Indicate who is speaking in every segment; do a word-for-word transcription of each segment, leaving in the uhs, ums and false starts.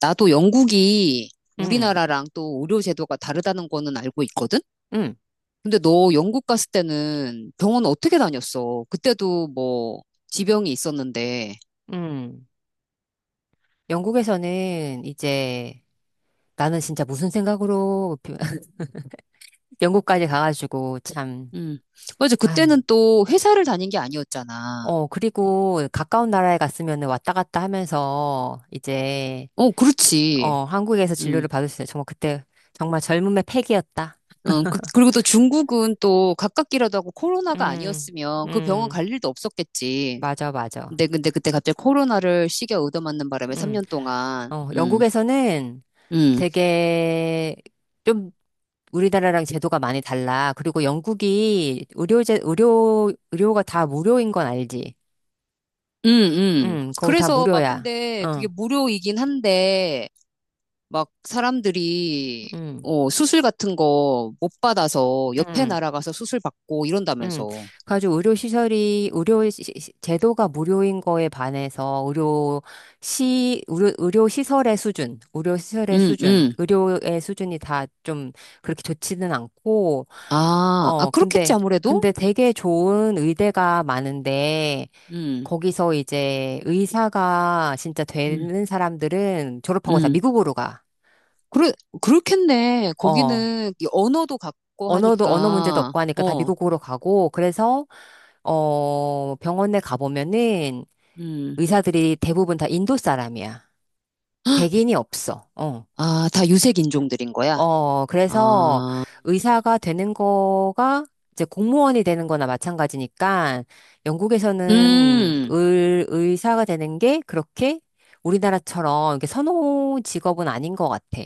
Speaker 1: 나도 영국이
Speaker 2: 응
Speaker 1: 우리나라랑 또 의료 제도가 다르다는 거는 알고 있거든?
Speaker 2: 응
Speaker 1: 근데 너 영국 갔을 때는 병원 어떻게 다녔어? 그때도 뭐 지병이 있었는데.
Speaker 2: 응. 영국에서는 이제 나는 진짜 무슨 생각으로 영국까지 가가지고 참,
Speaker 1: 음. 맞아.
Speaker 2: 아,
Speaker 1: 그때는 또 회사를 다닌 게 아니었잖아.
Speaker 2: 어, 그리고 가까운 나라에 갔으면 왔다 갔다 하면서 이제,
Speaker 1: 어, 그렇지.
Speaker 2: 어, 한국에서
Speaker 1: 음.
Speaker 2: 진료를 받을 수 있어요. 정말 그때 정말 젊음의 패기였다.
Speaker 1: 어, 그, 리고또 중국은 또 가깝기라도 하고 코로나가
Speaker 2: 음,
Speaker 1: 아니었으면 그 병원
Speaker 2: 음,
Speaker 1: 갈 일도 없었겠지.
Speaker 2: 맞아, 맞아.
Speaker 1: 근데 근데 그때 갑자기 코로나를 시계 얻어맞는 바람에
Speaker 2: 음,
Speaker 1: 삼 년 동안
Speaker 2: 어,
Speaker 1: 음.
Speaker 2: 영국에서는
Speaker 1: 음.
Speaker 2: 되게 좀 우리나라랑 제도가 많이 달라. 그리고 영국이 의료제, 의료, 의료가 다 무료인 건 알지?
Speaker 1: 음, 음.
Speaker 2: 응, 거기 다
Speaker 1: 그래서 막
Speaker 2: 무료야.
Speaker 1: 근데 그게
Speaker 2: 응,
Speaker 1: 무료이긴 한데 막 사람들이
Speaker 2: 응,
Speaker 1: 어, 수술 같은 거 못 받아서 옆에
Speaker 2: 응,
Speaker 1: 나라 가서 수술 받고
Speaker 2: 응.
Speaker 1: 이런다면서.
Speaker 2: 그래가지고 의료시설이, 의료 시- 시- 제도가 무료인 거에 반해서 의료 시, 의료, 의료시설의 수준, 의료시설의
Speaker 1: 음,
Speaker 2: 수준,
Speaker 1: 음.
Speaker 2: 의료의 수준이 다 좀 그렇게 좋지는 않고,
Speaker 1: 아, 아
Speaker 2: 어,
Speaker 1: 그렇겠지
Speaker 2: 근데,
Speaker 1: 아무래도.
Speaker 2: 근데 되게 좋은 의대가 많은데,
Speaker 1: 음,
Speaker 2: 거기서 이제 의사가 진짜
Speaker 1: 음,
Speaker 2: 되는 사람들은 졸업하고 다
Speaker 1: 음.
Speaker 2: 미국으로 가.
Speaker 1: 그래 그렇겠네.
Speaker 2: 어.
Speaker 1: 거기는 이 언어도 같고
Speaker 2: 언어도, 언어 문제도
Speaker 1: 하니까
Speaker 2: 없고 하니까 다
Speaker 1: 어,
Speaker 2: 미국으로 가고, 그래서, 어, 병원에 가보면은
Speaker 1: 음.
Speaker 2: 의사들이 대부분 다 인도 사람이야. 백인이 없어. 어.
Speaker 1: 아, 다 유색 인종들인 거야.
Speaker 2: 어, 그래서
Speaker 1: 아,
Speaker 2: 의사가 되는 거가 이제 공무원이 되는 거나 마찬가지니까 영국에서는
Speaker 1: 음,
Speaker 2: 의, 의사가 되는 게 그렇게 우리나라처럼 이렇게 선호 직업은 아닌 것 같아.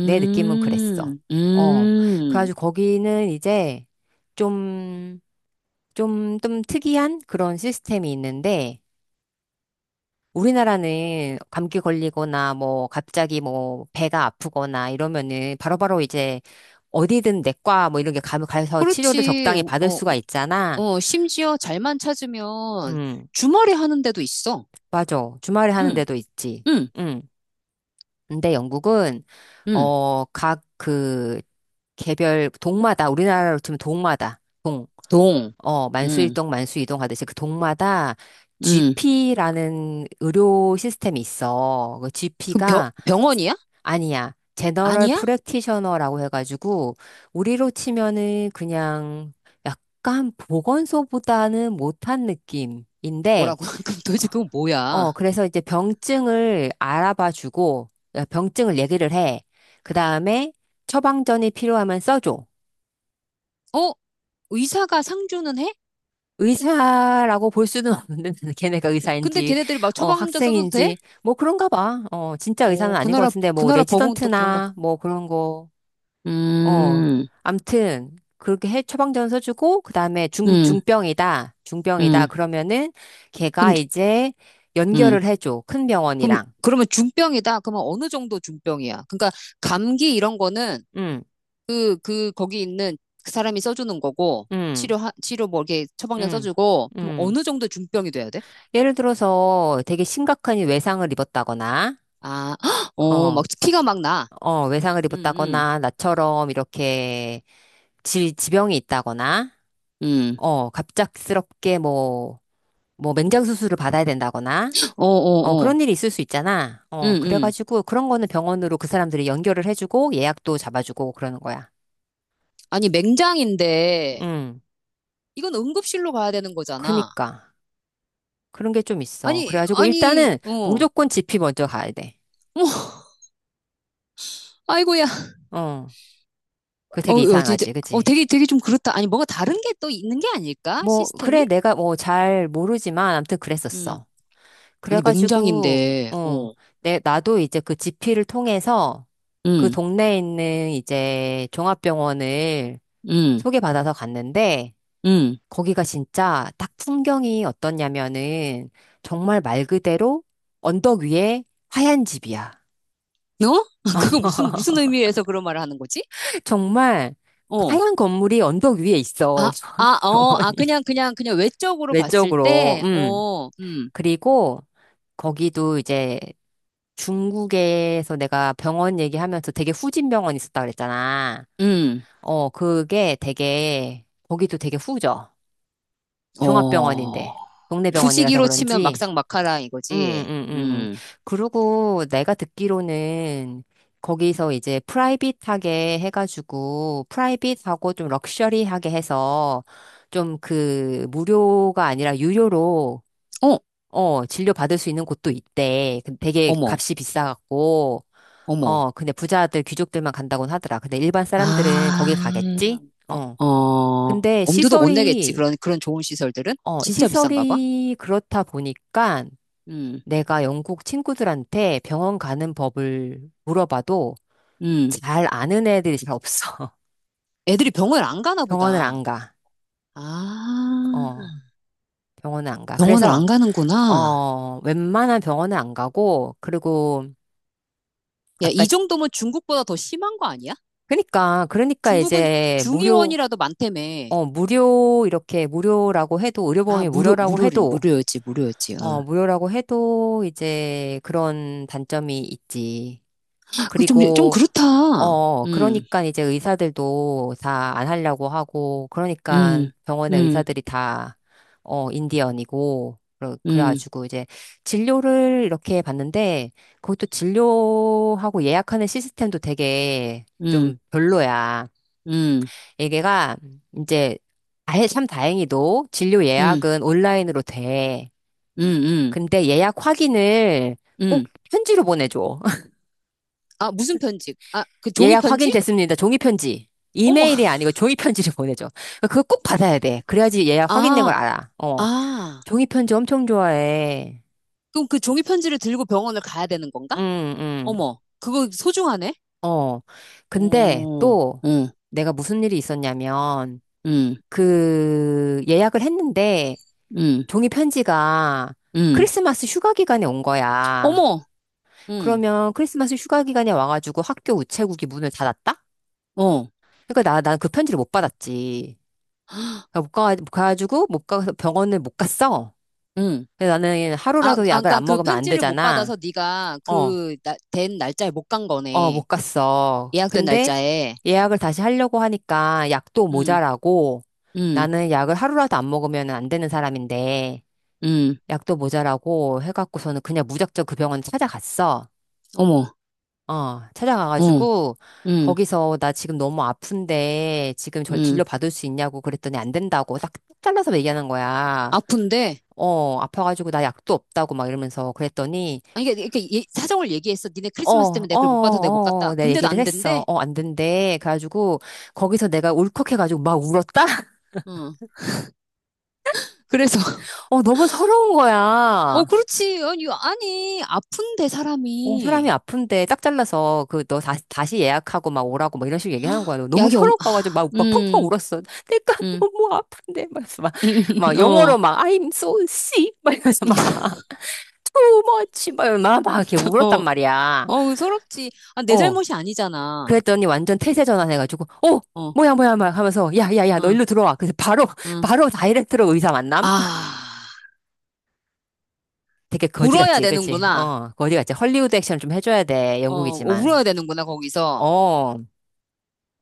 Speaker 2: 내 느낌은 그랬어. 어,
Speaker 1: 음.
Speaker 2: 그래가지고 거기는 이제 좀, 좀, 좀 특이한 그런 시스템이 있는데 우리나라는 감기 걸리거나 뭐 갑자기 뭐 배가 아프거나 이러면은 바로바로 이제 어디든 내과 뭐 이런 게 가- 가서 치료를
Speaker 1: 그렇지.
Speaker 2: 적당히 받을
Speaker 1: 어,
Speaker 2: 수가 있잖아.
Speaker 1: 어, 심지어 잘만 찾으면
Speaker 2: 음,
Speaker 1: 주말에 하는 데도 있어.
Speaker 2: 맞아. 주말에 하는
Speaker 1: 응,
Speaker 2: 데도 있지.
Speaker 1: 응,
Speaker 2: 음. 근데 영국은
Speaker 1: 응.
Speaker 2: 어, 각 그 개별 동마다 우리나라로 치면 동마다 동
Speaker 1: 동.
Speaker 2: 어,
Speaker 1: 응,
Speaker 2: 만수일동, 만수이동 하듯이 그 동마다
Speaker 1: 응.
Speaker 2: 지피라는 의료 시스템이 있어. 그
Speaker 1: 그럼 병,
Speaker 2: 지피가
Speaker 1: 병원이야?
Speaker 2: 아니야. 제너럴
Speaker 1: 아니야?
Speaker 2: 프랙티셔너라고 해가지고 우리로 치면은 그냥 약간 보건소보다는 못한 느낌인데
Speaker 1: 뭐라고? 그럼 도대체 그건 뭐야?
Speaker 2: 어, 그래서 이제 병증을 알아봐 주고 병증을 얘기를 해. 그다음에 처방전이 필요하면 써줘.
Speaker 1: 어, 의사가 상주는 해?
Speaker 2: 의사라고 볼 수는 없는데 걔네가
Speaker 1: 근데
Speaker 2: 의사인지
Speaker 1: 걔네들 막
Speaker 2: 어
Speaker 1: 처방전 써도 돼?
Speaker 2: 학생인지 뭐 그런가 봐. 어, 진짜 의사는
Speaker 1: 어, 그
Speaker 2: 아닌 것
Speaker 1: 나라,
Speaker 2: 같은데
Speaker 1: 그
Speaker 2: 뭐
Speaker 1: 나라 법은 또 그런가?
Speaker 2: 레지던트나 뭐 그런 거. 어,
Speaker 1: 음,
Speaker 2: 암튼 그렇게 해 처방전 써주고 그다음에 중
Speaker 1: 음,
Speaker 2: 중병이다 중병이다
Speaker 1: 음.
Speaker 2: 그러면은 걔가
Speaker 1: 그럼,
Speaker 2: 이제
Speaker 1: 음.
Speaker 2: 연결을 해줘 큰
Speaker 1: 그럼,
Speaker 2: 병원이랑.
Speaker 1: 그러면 중병이다? 그러면 어느 정도 중병이야? 그러니까 감기 이런 거는
Speaker 2: 음,
Speaker 1: 그, 그, 거기 있는 그 사람이 써주는 거고,
Speaker 2: 음,
Speaker 1: 치료, 치료 뭐 이렇게 처방전
Speaker 2: 음,
Speaker 1: 써주고, 그럼
Speaker 2: 음.
Speaker 1: 어느 정도 중병이 돼야 돼?
Speaker 2: 예를 들어서 되게 심각한 외상을 입었다거나,
Speaker 1: 아, 어, 막
Speaker 2: 어,
Speaker 1: 피가 막 나.
Speaker 2: 어, 외상을
Speaker 1: 응, 응,
Speaker 2: 입었다거나, 나처럼 이렇게 지, 병이 있다거나,
Speaker 1: 응.
Speaker 2: 어, 갑작스럽게 뭐, 뭐 맹장 수술을 받아야 된다거나,
Speaker 1: 어,
Speaker 2: 어,
Speaker 1: 어, 어.
Speaker 2: 그런 일이 있을 수 있잖아.
Speaker 1: 응,
Speaker 2: 어,
Speaker 1: 응.
Speaker 2: 그래가지고 그런 거는 병원으로 그 사람들이 연결을 해주고 예약도 잡아주고 그러는 거야.
Speaker 1: 아니, 맹장인데,
Speaker 2: 음,
Speaker 1: 이건 응급실로 가야 되는 거잖아.
Speaker 2: 그니까. 그런 게 좀 있어.
Speaker 1: 아니,
Speaker 2: 그래가지고
Speaker 1: 아니,
Speaker 2: 일단은
Speaker 1: 어, 어,
Speaker 2: 무조건 지피 먼저 가야 돼.
Speaker 1: 아이고야.
Speaker 2: 어, 그
Speaker 1: 어,
Speaker 2: 되게
Speaker 1: 어, 진짜,
Speaker 2: 이상하지,
Speaker 1: 어,
Speaker 2: 그치?
Speaker 1: 되게, 되게 좀 그렇다. 아니, 뭔가 다른 게 또 있는 게 아닐까?
Speaker 2: 뭐, 그래,
Speaker 1: 시스템이?
Speaker 2: 내가 뭐 잘 모르지만 아무튼
Speaker 1: 응.
Speaker 2: 그랬었어.
Speaker 1: 아니,
Speaker 2: 그래가지고,
Speaker 1: 맹장인데,
Speaker 2: 어,
Speaker 1: 어,
Speaker 2: 내, 나도 이제 그 지피를 통해서 그
Speaker 1: 응,
Speaker 2: 동네에 있는 이제 종합병원을
Speaker 1: 응,
Speaker 2: 소개받아서 갔는데,
Speaker 1: 응.
Speaker 2: 거기가 진짜 딱 풍경이 어떻냐면은, 정말 말 그대로 언덕 위에 하얀 집이야.
Speaker 1: 너? 그거 무슨, 무슨 의미에서 그런 말을 하는 거지?
Speaker 2: 정말
Speaker 1: 어.
Speaker 2: 하얀 건물이 언덕 위에 있어.
Speaker 1: 아, 아, 어, 아,
Speaker 2: 병원이.
Speaker 1: 그냥, 그냥, 그냥 외적으로 봤을
Speaker 2: 외적으로,
Speaker 1: 때,
Speaker 2: 음.
Speaker 1: 어, 음,
Speaker 2: 그리고 거기도 이제 중국에서 내가 병원 얘기하면서 되게 후진 병원 있었다 그랬잖아.
Speaker 1: 음,
Speaker 2: 어, 그게 되게, 거기도 되게 후져.
Speaker 1: 어.
Speaker 2: 종합병원인데. 동네 병원이라서
Speaker 1: 부지기로 치면
Speaker 2: 그런지.
Speaker 1: 막상 막하라
Speaker 2: 응,
Speaker 1: 이거지.
Speaker 2: 응, 응, 응.
Speaker 1: 음,
Speaker 2: 그리고 내가 듣기로는 거기서 이제 프라이빗하게 해가지고, 프라이빗하고 좀 럭셔리하게 해서 좀 그 무료가 아니라 유료로
Speaker 1: 어,
Speaker 2: 어, 진료 받을 수 있는 곳도 있대. 그 되게
Speaker 1: 어머,
Speaker 2: 값이 비싸갖고.
Speaker 1: 어머.
Speaker 2: 어, 근데 부자들, 귀족들만 간다곤 하더라. 근데 일반 사람들은 거길
Speaker 1: 아,
Speaker 2: 가겠지? 어.
Speaker 1: 어,
Speaker 2: 근데
Speaker 1: 엄두도 못 내겠지.
Speaker 2: 시설이,
Speaker 1: 그런, 그런 좋은 시설들은?
Speaker 2: 어,
Speaker 1: 진짜 비싼가 봐.
Speaker 2: 시설이 그렇다 보니까
Speaker 1: 음,
Speaker 2: 내가 영국 친구들한테 병원 가는 법을 물어봐도
Speaker 1: 음.
Speaker 2: 잘 아는 애들이 잘 없어.
Speaker 1: 애들이 병원을 안 가나
Speaker 2: 병원을
Speaker 1: 보다.
Speaker 2: 안 가.
Speaker 1: 아,
Speaker 2: 어, 병원을 안 가.
Speaker 1: 병원을
Speaker 2: 그래서,
Speaker 1: 안 가는구나.
Speaker 2: 어, 웬만한 병원은 안 가고, 그리고
Speaker 1: 야,
Speaker 2: 아까,
Speaker 1: 이 정도면 중국보다 더 심한 거 아니야?
Speaker 2: 그러니까, 그러니까
Speaker 1: 중국은
Speaker 2: 이제 무료,
Speaker 1: 중의원이라도 많다며.
Speaker 2: 어, 무료, 이렇게 무료라고 해도,
Speaker 1: 아,
Speaker 2: 의료보험이
Speaker 1: 무료,
Speaker 2: 무료라고
Speaker 1: 무료를,
Speaker 2: 해도,
Speaker 1: 무료였지, 무료였지.
Speaker 2: 어,
Speaker 1: 어.
Speaker 2: 무료라고 해도 이제 그런 단점이 있지.
Speaker 1: 아, 그 좀, 좀
Speaker 2: 그리고,
Speaker 1: 그렇다.
Speaker 2: 어,
Speaker 1: 음,
Speaker 2: 그러니까 이제 의사들도 다 안 하려고 하고, 그러니까
Speaker 1: 음,
Speaker 2: 병원의
Speaker 1: 음,
Speaker 2: 의사들이 다, 어, 인디언이고, 그래-
Speaker 1: 음,
Speaker 2: 그래가지고 이제 진료를 이렇게 봤는데, 그것도 진료하고 예약하는 시스템도 되게
Speaker 1: 음,
Speaker 2: 좀 별로야.
Speaker 1: 음,
Speaker 2: 얘가 이제, 아예 참 다행히도 진료
Speaker 1: 음,
Speaker 2: 예약은 온라인으로 돼.
Speaker 1: 음, 음,
Speaker 2: 근데 예약 확인을 꼭
Speaker 1: 음.
Speaker 2: 편지로 보내줘.
Speaker 1: 아, 무슨 편지? 아, 그 종이
Speaker 2: 예약
Speaker 1: 편지?
Speaker 2: 확인됐습니다. 종이 편지.
Speaker 1: 어머,
Speaker 2: 이메일이 아니고 종이 편지를 보내줘. 그거 꼭 받아야 돼. 그래야지 예약 확인된 걸
Speaker 1: 아,
Speaker 2: 알아. 어.
Speaker 1: 아.
Speaker 2: 종이 편지 엄청 좋아해.
Speaker 1: 그럼 그 종이 편지를 들고 병원을 가야 되는 건가?
Speaker 2: 응, 응.
Speaker 1: 어머, 그거 소중하네?
Speaker 2: 어. 근데
Speaker 1: 어,
Speaker 2: 또
Speaker 1: 응,
Speaker 2: 내가 무슨 일이 있었냐면
Speaker 1: 응,
Speaker 2: 그 예약을 했는데
Speaker 1: 응,
Speaker 2: 종이 편지가
Speaker 1: 응.
Speaker 2: 크리스마스 휴가 기간에 온 거야.
Speaker 1: 어머, 응,
Speaker 2: 그러면 크리스마스 휴가 기간에 와가지고 학교 우체국이 문을 닫았다?
Speaker 1: 어,
Speaker 2: 그러니까 나, 난 그 편지를 못 받았지. 그러니까 못 가, 못 가가지고, 못 가서 병원을 못 갔어.
Speaker 1: 응.
Speaker 2: 그래서 나는
Speaker 1: 아,
Speaker 2: 하루라도
Speaker 1: 아,
Speaker 2: 약을
Speaker 1: 그러니까
Speaker 2: 안
Speaker 1: 그
Speaker 2: 먹으면 안
Speaker 1: 편지를 못 받아서
Speaker 2: 되잖아.
Speaker 1: 네가
Speaker 2: 어,
Speaker 1: 그 된 날짜에 못 간
Speaker 2: 어, 못
Speaker 1: 거네.
Speaker 2: 갔어.
Speaker 1: 예약된
Speaker 2: 근데
Speaker 1: 날짜에.
Speaker 2: 예약을 다시 하려고 하니까 약도
Speaker 1: 응,
Speaker 2: 모자라고,
Speaker 1: 응,
Speaker 2: 나는 약을 하루라도 안 먹으면 안 되는 사람인데,
Speaker 1: 응.
Speaker 2: 약도 모자라고 해갖고서는 그냥 무작정 그 병원 찾아갔어.
Speaker 1: 어머,
Speaker 2: 어,
Speaker 1: 어,
Speaker 2: 찾아가가지고,
Speaker 1: 응,
Speaker 2: 거기서 나 지금 너무 아픈데, 지금 저- 진료
Speaker 1: 응.
Speaker 2: 받을 수 있냐고 그랬더니 안 된다고 딱 잘라서 얘기하는 거야.
Speaker 1: 아픈데.
Speaker 2: 어, 아파가지고 나 약도 없다고 막 이러면서 그랬더니,
Speaker 1: 아니, 이게 이렇게 예- 사정을 얘기했어. 니네
Speaker 2: 어,
Speaker 1: 크리스마스
Speaker 2: 어,
Speaker 1: 때문에
Speaker 2: 어,
Speaker 1: 내가 그걸 못 받아서 내가 못
Speaker 2: 어,
Speaker 1: 갔다.
Speaker 2: 어, 내
Speaker 1: 근데도
Speaker 2: 얘기를
Speaker 1: 안
Speaker 2: 했어.
Speaker 1: 된대.
Speaker 2: 어, 안 된대. 그래가지고, 거기서 내가 울컥해가지고 막 울었다?
Speaker 1: 응. 그래서
Speaker 2: 어, 너무 서러운
Speaker 1: 어,
Speaker 2: 거야.
Speaker 1: 그렇지. 아니, 아니 아픈데
Speaker 2: 어, 사람이
Speaker 1: 사람이
Speaker 2: 아픈데 딱 잘라서 그 너 다시, 다시 예약하고 막 오라고 막 이런 식으로 얘기하는 거야. 너 너무
Speaker 1: 약이 없. 아,
Speaker 2: 서러워가지고 막, 오빠 펑펑
Speaker 1: 음,
Speaker 2: 울었어. 내가
Speaker 1: 음.
Speaker 2: 너무 아픈데 막 이러면서 막, 막
Speaker 1: 어,
Speaker 2: 영어로 막 I'm so sick 막 이러면서 막 too much 막 이러면서 막, 막 이렇게 울었단
Speaker 1: 어,
Speaker 2: 말이야.
Speaker 1: 어, 서럽지. 아, 내
Speaker 2: 어,
Speaker 1: 잘못이 아니잖아.
Speaker 2: 그랬더니 완전 태세 전환해가지고 어,
Speaker 1: 어,
Speaker 2: 뭐야 뭐야 막 하면서 야야야 너
Speaker 1: 어,
Speaker 2: 일로 들어와. 그래서 바로
Speaker 1: 어.
Speaker 2: 바로 다이렉트로 의사 만남.
Speaker 1: 아,
Speaker 2: 되게 거지
Speaker 1: 울어야
Speaker 2: 같지, 그치?
Speaker 1: 되는구나.
Speaker 2: 어, 거지 같지. 헐리우드 액션 좀 해줘야 돼
Speaker 1: 어, 어,
Speaker 2: 영국이지만.
Speaker 1: 울어야 되는구나, 거기서.
Speaker 2: 어.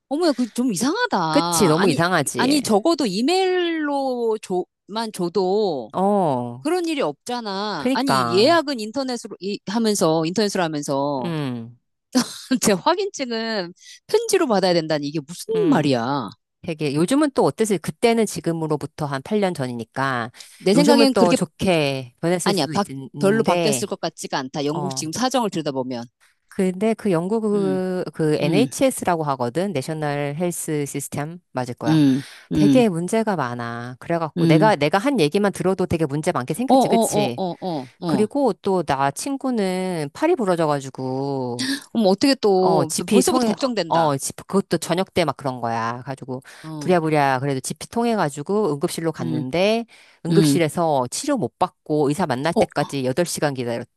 Speaker 1: 어머야, 그 좀 이상하다.
Speaker 2: 그치, 너무
Speaker 1: 아니,
Speaker 2: 이상하지.
Speaker 1: 아니, 적어도 이메일로 줘, 만 줘도
Speaker 2: 어,
Speaker 1: 그런 일이 없잖아. 아니,
Speaker 2: 그니까.
Speaker 1: 예약은 인터넷으로 이, 하면서, 인터넷으로 하면서.
Speaker 2: 음,
Speaker 1: 제 확인증은 편지로 받아야 된다니, 이게 무슨
Speaker 2: 음.
Speaker 1: 말이야.
Speaker 2: 되게, 요즘은 또 어땠을, 그때는 지금으로부터 한 팔 년 전이니까,
Speaker 1: 내
Speaker 2: 요즘은
Speaker 1: 생각엔
Speaker 2: 또
Speaker 1: 그렇게,
Speaker 2: 좋게 변했을
Speaker 1: 아니야,
Speaker 2: 수도
Speaker 1: 바, 별로
Speaker 2: 있는데,
Speaker 1: 바뀌었을 것 같지가 않다. 영국
Speaker 2: 어.
Speaker 1: 지금 사정을 들여다보면.
Speaker 2: 근데 그 영국
Speaker 1: 음,
Speaker 2: 그, 그
Speaker 1: 음,
Speaker 2: 엔에이치에스라고 하거든? 내셔널 헬스 시스템? 맞을 거야.
Speaker 1: 음, 음,
Speaker 2: 되게 문제가 많아. 그래갖고 내가,
Speaker 1: 음.
Speaker 2: 내가 한 얘기만 들어도 되게 문제 많게
Speaker 1: 어,
Speaker 2: 생겼지,
Speaker 1: 어, 어,
Speaker 2: 그치?
Speaker 1: 어, 어, 어.
Speaker 2: 그리고 또 나 친구는 팔이 부러져가지고,
Speaker 1: 어머, 어떻게
Speaker 2: 어,
Speaker 1: 또,
Speaker 2: 지피
Speaker 1: 벌써부터
Speaker 2: 통해, 어,
Speaker 1: 걱정된다.
Speaker 2: 지 그것도 저녁 때 막 그런 거야. 가지고,
Speaker 1: 어,
Speaker 2: 부랴부랴, 그래도 지피 통해가지고 응급실로
Speaker 1: 음,
Speaker 2: 갔는데,
Speaker 1: 음.
Speaker 2: 응급실에서 치료 못 받고 의사 만날
Speaker 1: 어,
Speaker 2: 때까지 여덟 시간 기다렸다.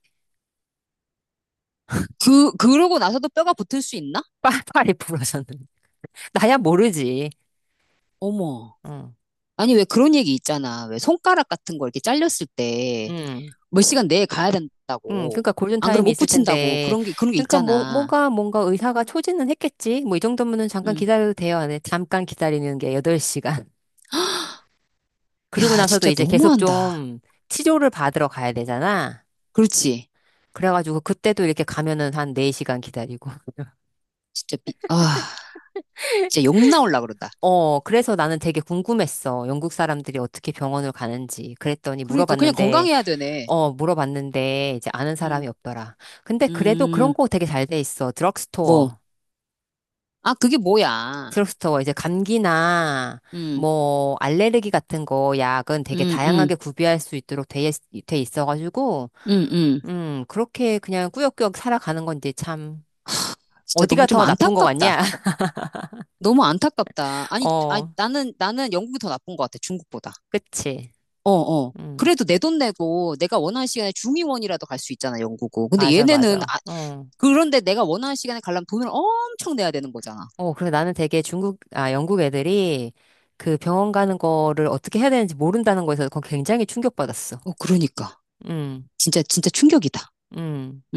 Speaker 1: 그, 그러고 나서도 뼈가 붙을 수 있나?
Speaker 2: 팔이 부러졌는데. 나야 모르지.
Speaker 1: 어머.
Speaker 2: 응,
Speaker 1: 아니, 왜 그런 얘기 있잖아. 왜 손가락 같은 거 이렇게 잘렸을 때
Speaker 2: 응,
Speaker 1: 몇 시간 내에 가야
Speaker 2: 응.
Speaker 1: 된다고.
Speaker 2: 그러니까
Speaker 1: 안 그러면
Speaker 2: 골든타임이
Speaker 1: 못
Speaker 2: 있을
Speaker 1: 붙인다고.
Speaker 2: 텐데.
Speaker 1: 그런 게, 그런 게
Speaker 2: 그러니까 뭐,
Speaker 1: 있잖아.
Speaker 2: 뭐가, 뭔가 의사가 초진은 했겠지. 뭐, 이 정도면은 잠깐
Speaker 1: 음.
Speaker 2: 기다려도 돼요. 근데 잠깐 기다리는 게 여덟 시간. 그리고
Speaker 1: 야,
Speaker 2: 나서도
Speaker 1: 진짜
Speaker 2: 이제 계속
Speaker 1: 너무한다.
Speaker 2: 좀 치료를 받으러 가야 되잖아.
Speaker 1: 그렇지.
Speaker 2: 그래가지고 그때도 이렇게 가면은 한 네 시간 기다리고.
Speaker 1: 진짜 미, 아, 진짜 욕 나올라 그러다.
Speaker 2: 어, 그래서 나는 되게 궁금했어. 영국 사람들이 어떻게 병원을 가는지. 그랬더니
Speaker 1: 그러니까 그냥
Speaker 2: 물어봤는데,
Speaker 1: 건강해야 되네.
Speaker 2: 어, 물어봤는데 이제 아는 사람이
Speaker 1: 음,
Speaker 2: 없더라. 근데 그래도 그런
Speaker 1: 음,
Speaker 2: 거 되게 잘 돼 있어. 드럭스토어.
Speaker 1: 뭐. 아, 그게 뭐야.
Speaker 2: 드럭스토어 이제 감기나
Speaker 1: 음,
Speaker 2: 뭐 알레르기 같은 거 약은 되게
Speaker 1: 음, 음,
Speaker 2: 다양하게 구비할 수 있도록 돼, 있- 돼 있어가지고,
Speaker 1: 음, 음.
Speaker 2: 음, 그렇게 그냥 꾸역꾸역 살아가는 건지 참
Speaker 1: 진짜 너무
Speaker 2: 어디가
Speaker 1: 좀
Speaker 2: 더 나쁜 거 같냐?
Speaker 1: 안타깝다. 너무 안타깝다. 아니, 아
Speaker 2: 어,
Speaker 1: 나는, 나는 영국이 더 나쁜 것 같아, 중국보다.
Speaker 2: 그치.
Speaker 1: 어, 어.
Speaker 2: 음.
Speaker 1: 그래도 내 돈 내고 내가 원하는 시간에 중의원이라도 갈 수 있잖아, 영국은. 근데
Speaker 2: 맞아,
Speaker 1: 얘네는,
Speaker 2: 맞아.
Speaker 1: 아,
Speaker 2: 어.
Speaker 1: 그런데 내가 원하는 시간에 가려면 돈을 엄청 내야 되는 거잖아.
Speaker 2: 어, 그래서 나는 되게 중국, 아, 영국 애들이 그 병원 가는 거를 어떻게 해야 되는지 모른다는 거에서 그건 굉장히 충격받았어.
Speaker 1: 어, 그러니까.
Speaker 2: 음,
Speaker 1: 진짜, 진짜 충격이다.
Speaker 2: 음.
Speaker 1: 음.